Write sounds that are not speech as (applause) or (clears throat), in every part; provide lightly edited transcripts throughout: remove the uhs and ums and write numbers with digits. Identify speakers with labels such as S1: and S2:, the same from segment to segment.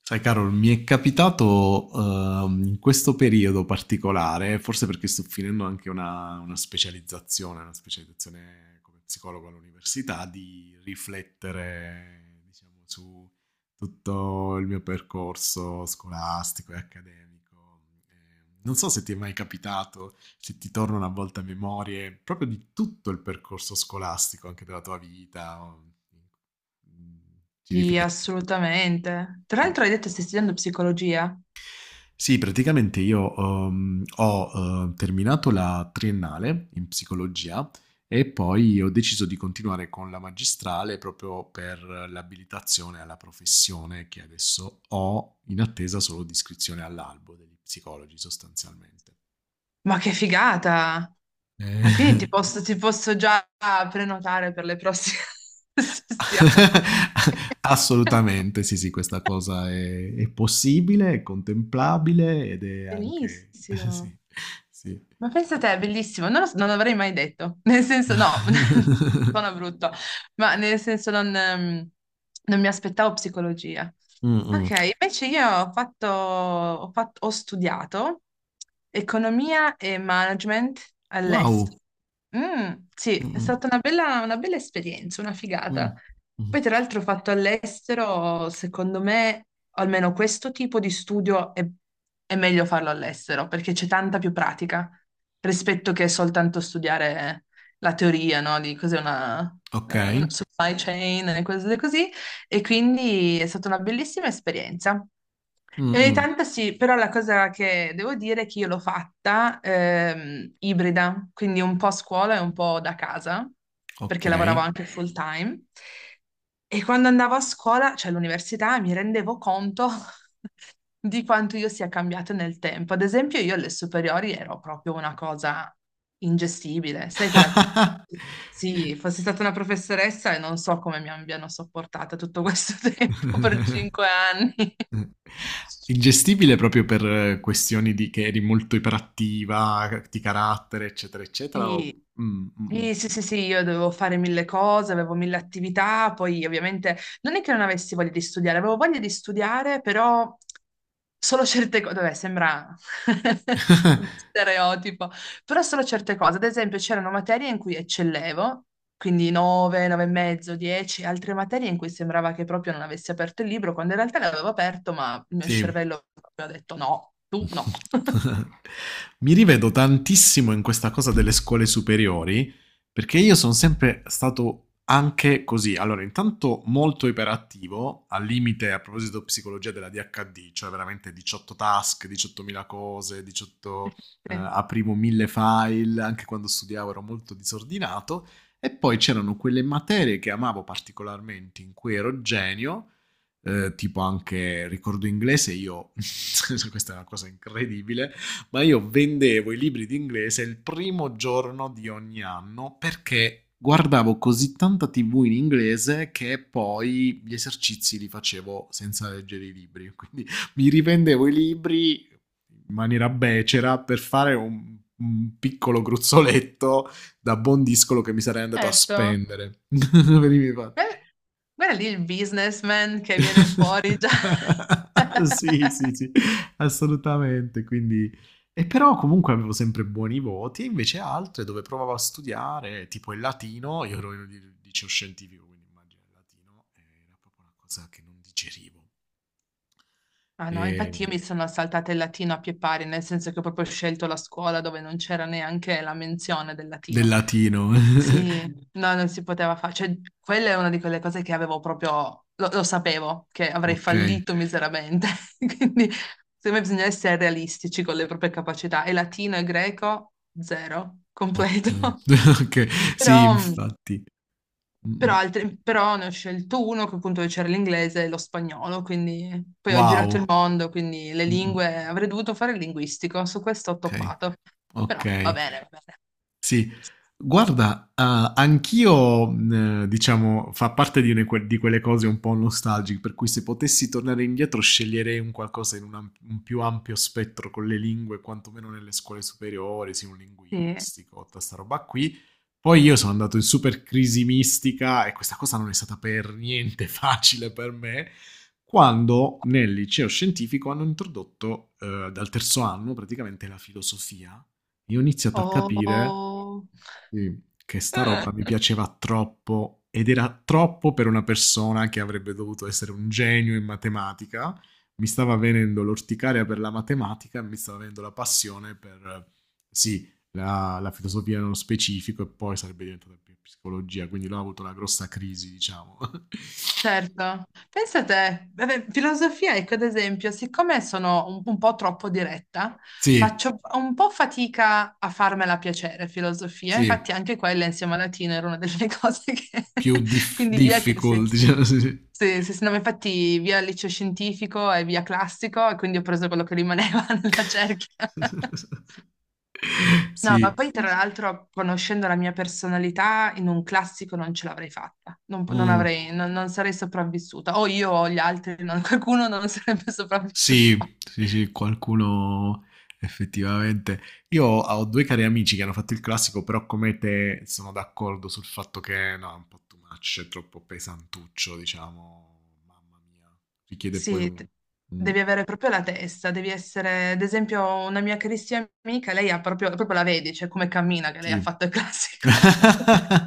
S1: Sai, Carol, mi è capitato in questo periodo particolare, forse perché sto finendo anche una specializzazione, una specializzazione come psicologo all'università, di riflettere, diciamo, su tutto il mio percorso scolastico e accademico. Non so se ti è mai capitato, se ti torna una volta a memorie, proprio di tutto il percorso scolastico, anche della tua vita, mm, ci
S2: Sì,
S1: rifletti.
S2: assolutamente. Tra
S1: Mm.
S2: l'altro hai detto che stai studiando psicologia?
S1: Sì, praticamente io ho terminato la triennale in psicologia e poi ho deciso di continuare con la magistrale proprio per l'abilitazione alla professione che adesso ho in attesa solo di iscrizione all'albo degli psicologi sostanzialmente.
S2: Ma che figata! Ah, quindi ti
S1: Eh,
S2: posso, ti posso già prenotare per le prossime (laughs)
S1: (laughs) Complimenti.
S2: sessioni.
S1: Assolutamente, sì, sì, questa cosa è possibile, è contemplabile ed è anche (laughs) sì,
S2: Benissimo.
S1: sì.
S2: Ma pensa te, è bellissimo. Non, so, non l'avrei mai detto. Nel senso, no, (laughs) sono brutto, ma nel senso non mi aspettavo psicologia.
S1: Mm,
S2: Ok,
S1: mm.
S2: invece io ho studiato economia e management all'estero.
S1: Wow.
S2: Mm, sì,
S1: Mm,
S2: è
S1: mm.
S2: stata una bella esperienza, una
S1: Mh.
S2: figata.
S1: Mh.
S2: Poi, tra l'altro, ho fatto all'estero, secondo me, almeno questo tipo di studio è meglio farlo all'estero perché c'è tanta più pratica rispetto che soltanto studiare la teoria, no? Di cos'è una
S1: Okay.
S2: supply chain e cose così e quindi è stata una bellissima esperienza. E ogni
S1: Mh-mh.
S2: tanto sì, però la cosa che devo dire è che io l'ho fatta ibrida, quindi un po' a scuola e un po' da casa, perché lavoravo
S1: Okay.
S2: anche full time. E quando andavo a scuola, cioè all'università, mi rendevo conto (laughs) di quanto io sia cambiato nel tempo. Ad esempio, io alle superiori ero proprio una cosa ingestibile, sai quella che...
S1: (laughs)
S2: Sì, fossi stata una professoressa e non so come mi abbiano sopportata tutto questo (laughs) tempo per 5 anni.
S1: Ingestibile proprio per questioni di che eri molto iperattiva, di carattere, eccetera, eccetera, o
S2: Sì,
S1: mh-mh.
S2: sì, sì, sì, sì, io dovevo fare mille cose, avevo mille attività, poi ovviamente non è che non avessi voglia di studiare, avevo voglia di studiare, però solo certe cose, vabbè, sembra (laughs) uno
S1: (laughs)
S2: stereotipo, però solo certe cose, ad esempio c'erano materie in cui eccellevo, quindi 9, 9 e mezzo, 10, altre materie in cui sembrava che proprio non avessi aperto il libro, quando in realtà l'avevo aperto, ma il mio
S1: Sì.
S2: cervello proprio ha detto no, tu
S1: (laughs)
S2: no. (laughs)
S1: Mi rivedo tantissimo in questa cosa delle scuole superiori, perché io sono sempre stato anche così. Allora, intanto molto iperattivo, al limite a proposito psicologia della DHD, cioè veramente 18 task, 18.000 cose, 18,
S2: Sì.
S1: aprivo mille file, anche quando studiavo ero molto disordinato. E poi c'erano quelle materie che amavo particolarmente, in cui ero genio, tipo anche ricordo inglese, io. (laughs) Questa è una cosa incredibile, ma io vendevo i libri di inglese il primo giorno di ogni anno perché guardavo così tanta tv in inglese che poi gli esercizi li facevo senza leggere i libri, (laughs) quindi mi rivendevo i libri in maniera becera per fare un piccolo gruzzoletto da buon discolo che mi sarei andato a
S2: Certo.
S1: spendere (laughs) per i miei fatti.
S2: Eh, Guarda lì il businessman che viene fuori già.
S1: (laughs) Sì,
S2: (laughs)
S1: sì, sì, assolutamente. Quindi, e però comunque avevo sempre buoni voti, e invece altre dove provavo a studiare, tipo il latino, io ero in un liceo scientifico, quindi immagino il latino, era proprio una cosa che non digerivo.
S2: Ah no, infatti io
S1: E-
S2: mi sono saltata il latino a pie pari, nel senso che ho proprio scelto la scuola dove non c'era neanche la menzione del
S1: Del
S2: latino.
S1: latino. (laughs)
S2: Sì, no, non si poteva fare. Cioè, quella è una di quelle cose che avevo proprio... Lo sapevo, che avrei
S1: Ok,
S2: fallito miseramente. (laughs) Quindi, secondo me bisogna essere realistici con le proprie capacità. E latino e greco, zero,
S1: ok.
S2: completo. (laughs)
S1: (laughs) Ok, sì,
S2: Però... Sì.
S1: infatti. Mm, mm.
S2: Però ne ho scelto uno che appunto c'era l'inglese e lo spagnolo, quindi poi ho girato il
S1: Wow.
S2: mondo, quindi le
S1: Mm, mm.
S2: lingue, avrei dovuto fare il linguistico, su questo ho
S1: Ok,
S2: toppato.
S1: ok.
S2: Però va bene, va
S1: Sì. Guarda, ah, anch'io, diciamo, fa parte di une que di quelle cose un po' nostalgiche, per cui se potessi tornare indietro sceglierei un qualcosa in un più ampio spettro con le lingue, quantomeno nelle scuole superiori, sì, un
S2: bene. Sì.
S1: linguistico, tutta 'sta roba qui. Poi io sono andato in super crisi mistica e questa cosa non è stata per niente (laughs) facile per me quando nel liceo scientifico hanno introdotto, dal terzo anno praticamente, la filosofia. Io ho iniziato a capire,
S2: Oh,
S1: sì, che sta roba mi
S2: (laughs)
S1: piaceva troppo ed era troppo per una persona che avrebbe dovuto essere un genio in matematica. Mi stava venendo l'orticaria per la matematica e mi stava venendo la passione per, sì, la filosofia nello specifico, e poi sarebbe diventata più psicologia, quindi l'ho avuto la grossa crisi, diciamo.
S2: certo. Pensa a te, vabbè, filosofia, ecco, ad esempio, siccome sono un po' troppo diretta,
S1: (laughs) Sì,
S2: faccio un po' fatica a farmela piacere, filosofia.
S1: sì,
S2: Infatti anche quella insieme a latino era una delle (laughs) cose che...
S1: più
S2: (laughs) Quindi via, sì.
S1: difficult, diciamo. Sì, sì.
S2: Sì, sì, sì, no, ma infatti via liceo scientifico e via classico e quindi ho preso quello che rimaneva (laughs) nella cerchia.
S1: (laughs)
S2: No, ma
S1: Sì.
S2: poi tra l'altro, conoscendo la mia personalità, in un classico non ce l'avrei fatta, non, non
S1: Mm.
S2: avrei, non, non sarei sopravvissuta, o io o gli altri, qualcuno non sarebbe (laughs) sopravvissuto.
S1: Sì, sì, sì, qualcuno effettivamente. Io ho due cari amici che hanno fatto il classico, però come te sono d'accordo sul fatto che no, è un po' too much, è troppo pesantuccio, diciamo, mamma mia, richiede poi
S2: Sì,
S1: un Mm.
S2: devi avere proprio la testa, devi essere, ad esempio, una mia carissima amica, lei ha proprio, proprio la vedi, cioè come cammina, che lei ha
S1: Sì.
S2: fatto il classico.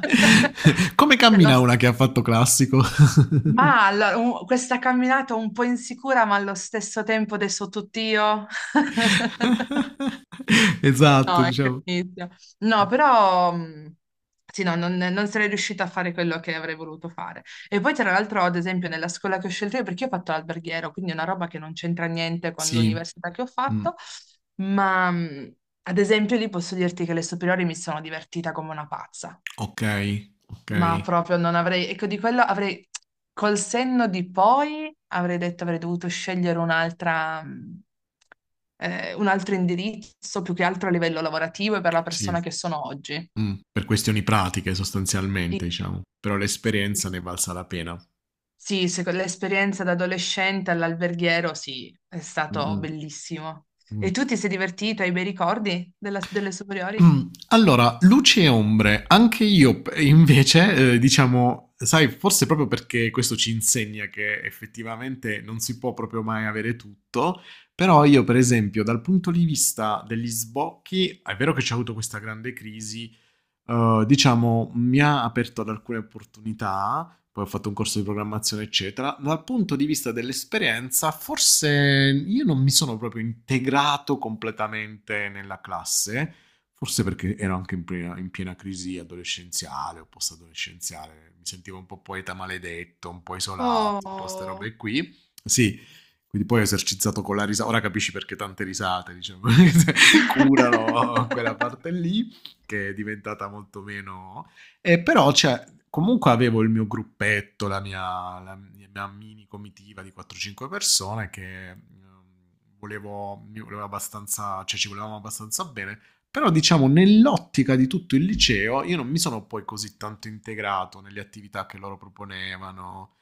S2: (laughs)
S1: Come
S2: Cioè, lo
S1: cammina una che ha fatto classico?
S2: Ma allora, questa camminata un po' insicura, ma allo stesso tempo adesso tutt'io. (laughs)
S1: (laughs) Esatto, diciamo.
S2: Inizio. No, però sì, no, non sarei riuscita a fare quello che avrei voluto fare. E poi, tra l'altro, ad esempio, nella scuola che ho scelto io, perché io ho fatto l'alberghiero, quindi è una roba che non c'entra niente con
S1: Sì.
S2: l'università che ho
S1: Mh,
S2: fatto, ma ad esempio lì posso dirti che le superiori mi sono divertita come una pazza.
S1: okay,
S2: Ma
S1: okay,
S2: proprio non avrei, ecco di quello avrei, col senno di poi avrei detto avrei dovuto scegliere un'altra, un altro indirizzo più che altro a livello lavorativo e per la
S1: sì.
S2: persona che sono oggi.
S1: Per questioni pratiche
S2: Sì,
S1: sostanzialmente, diciamo, però l'esperienza ne è valsa la pena.
S2: sì, l'esperienza da adolescente all'alberghiero, sì, è stato
S1: Mh-mh,
S2: bellissimo.
S1: mh.
S2: E tu ti sei divertito? Hai bei ricordi delle
S1: (clears throat)
S2: superiori?
S1: Mm, allora, luci e ombre, anche io invece, diciamo, sai, forse proprio perché questo ci insegna che effettivamente non si può proprio mai avere tutto, però io per esempio dal punto di vista degli sbocchi, è vero che c'è avuto questa grande crisi, diciamo, mi ha aperto ad alcune opportunità, poi ho fatto un corso di programmazione, eccetera. Dal punto di vista dell'esperienza, forse io non mi sono proprio integrato completamente nella classe, forse perché ero anche in piena crisi adolescenziale o post-adolescenziale, mi sentivo un po' poeta maledetto, un po' isolato, un po' ste
S2: Oh.
S1: robe qui. Sì, quindi poi ho esercitato con la risata, ora capisci perché tante risate, diciamo, (laughs) curano quella
S2: (laughs)
S1: parte lì che è diventata molto meno. E però cioè, comunque avevo il mio gruppetto, la mia mini comitiva di 4-5 persone che, mi volevo abbastanza, cioè ci volevamo abbastanza bene, però diciamo nell'ottica di tutto il liceo io non mi sono poi così tanto integrato nelle attività che loro proponevano.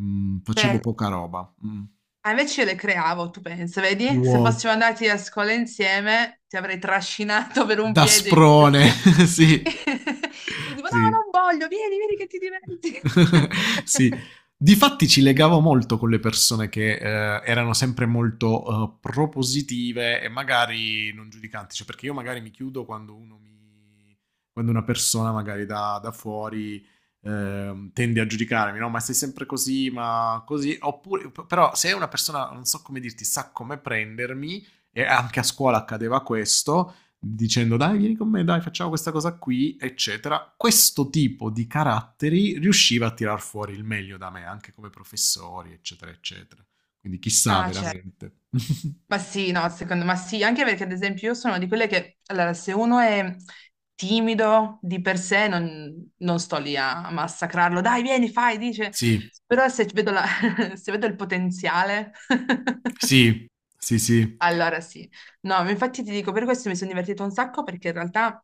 S1: Mm, facevo poca roba. Mm.
S2: Ah, invece io le creavo, tu pensa, vedi? Se
S1: Wow.
S2: fossimo andati a scuola insieme, ti avrei trascinato per un
S1: Da
S2: piede.
S1: sprone, (laughs) sì,
S2: (laughs) Tu tipo, no,
S1: sì.
S2: non voglio, vieni, vieni che ti diverti.
S1: (laughs) Sì.
S2: (laughs)
S1: Difatti ci legavo molto con le persone che, erano sempre molto, propositive e magari non giudicanti, cioè perché io magari mi chiudo quando uno mi quando una persona magari da fuori, tende a giudicarmi, no: "Ma sei sempre così, ma così", oppure p però se è una persona, non so come dirti, sa come prendermi, e anche a scuola accadeva questo, dicendo: dai vieni con me, dai facciamo questa cosa qui, eccetera. Questo tipo di caratteri riusciva a tirar fuori il meglio da me, anche come professori, eccetera, eccetera. Quindi chissà
S2: Ah, certo.
S1: veramente. (laughs)
S2: Ma sì, no, secondo me sì, anche perché ad esempio io sono di quelle che, allora, se uno è timido di per sé, non sto lì a massacrarlo, dai, vieni, fai, dice,
S1: Sì,
S2: però se vedo, (laughs) se vedo il potenziale. (laughs)
S1: sì, sì, sì.
S2: Allora sì, no, ma infatti ti dico, per questo mi sono divertita un sacco perché in realtà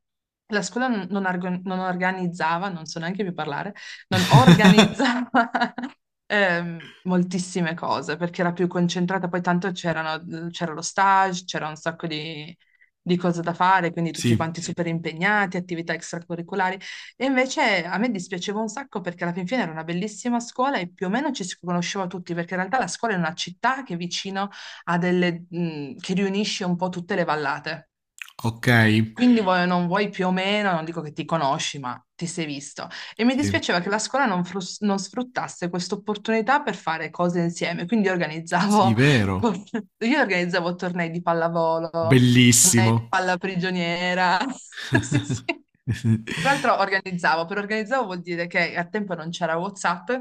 S2: la scuola non organizzava, non so neanche più parlare, non
S1: (laughs)
S2: organizzava (laughs) moltissime cose perché era più concentrata, poi tanto c'era lo stage, c'era un sacco di cose da fare, quindi tutti
S1: Sì,
S2: quanti super impegnati, attività extracurriculari. E invece a me dispiaceva un sacco perché alla fin fine era una bellissima scuola e più o meno ci si conosceva tutti perché in realtà la scuola è una città che è vicino, ha delle, che riunisce un po' tutte le vallate.
S1: ok,
S2: Quindi vuoi o non vuoi più o meno, non dico che ti conosci, ma ti sei visto. E mi
S1: sì,
S2: dispiaceva che la scuola non sfruttasse questa opportunità per fare cose insieme. Quindi
S1: sì,
S2: organizzavo,
S1: vero,
S2: (laughs) io organizzavo tornei di pallavolo,
S1: bellissimo.
S2: palla prigioniera. (laughs) Sì, sì.
S1: (laughs)
S2: Tra l'altro organizzavo, per organizzavo vuol dire che a tempo non c'era WhatsApp,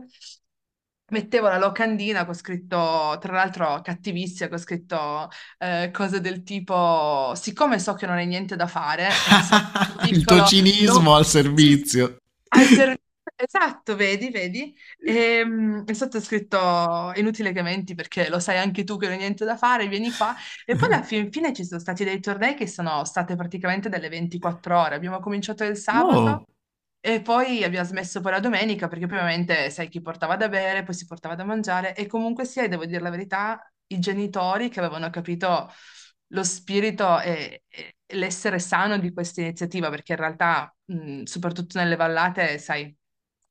S2: mettevo la locandina con scritto, tra l'altro cattivissima, con scritto cose del tipo, siccome so che non hai niente da fare, e sono più
S1: Il tuo
S2: piccolo,
S1: cinismo
S2: no,
S1: al
S2: sì, sì,
S1: servizio.
S2: al servizio, esatto, vedi, vedi, e sotto è scritto, inutile che menti perché lo sai anche tu che non hai niente da fare, vieni qua. E poi alla fin fine ci sono stati dei tornei che sono state praticamente delle 24 ore. Abbiamo cominciato il sabato
S1: Wow.
S2: e poi abbiamo smesso poi la domenica perché poi ovviamente sai chi portava da bere, poi si portava da mangiare e comunque sia, e devo dire la verità, i genitori che avevano capito lo spirito e l'essere sano di questa iniziativa, perché in realtà, soprattutto nelle vallate, sai,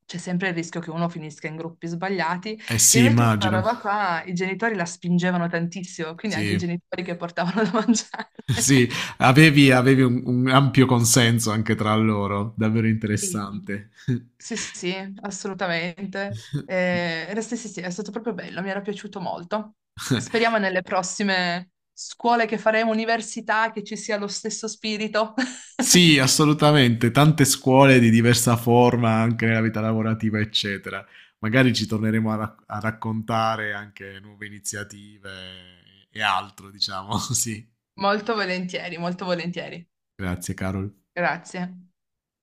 S2: c'è sempre il rischio che uno finisca in gruppi sbagliati,
S1: Eh
S2: e
S1: sì,
S2: invece questa
S1: immagino.
S2: roba qua i genitori la spingevano tantissimo, quindi anche i
S1: Sì.
S2: genitori che portavano da mangiare.
S1: (laughs)
S2: (laughs)
S1: Sì, avevi un ampio consenso anche tra loro, davvero
S2: Sì.
S1: interessante. (laughs)
S2: Sì, sì, assolutamente. Sì, sì, sì, è stato proprio bello, mi era piaciuto molto. Speriamo nelle prossime scuole che faremo, università, che ci sia lo stesso spirito. (laughs)
S1: Sì, assolutamente, tante scuole di diversa forma anche nella vita lavorativa, eccetera. Magari ci torneremo a raccontare anche nuove iniziative e altro, diciamo. (laughs) Sì,
S2: Molto volentieri, molto volentieri.
S1: grazie, Carol.
S2: Grazie.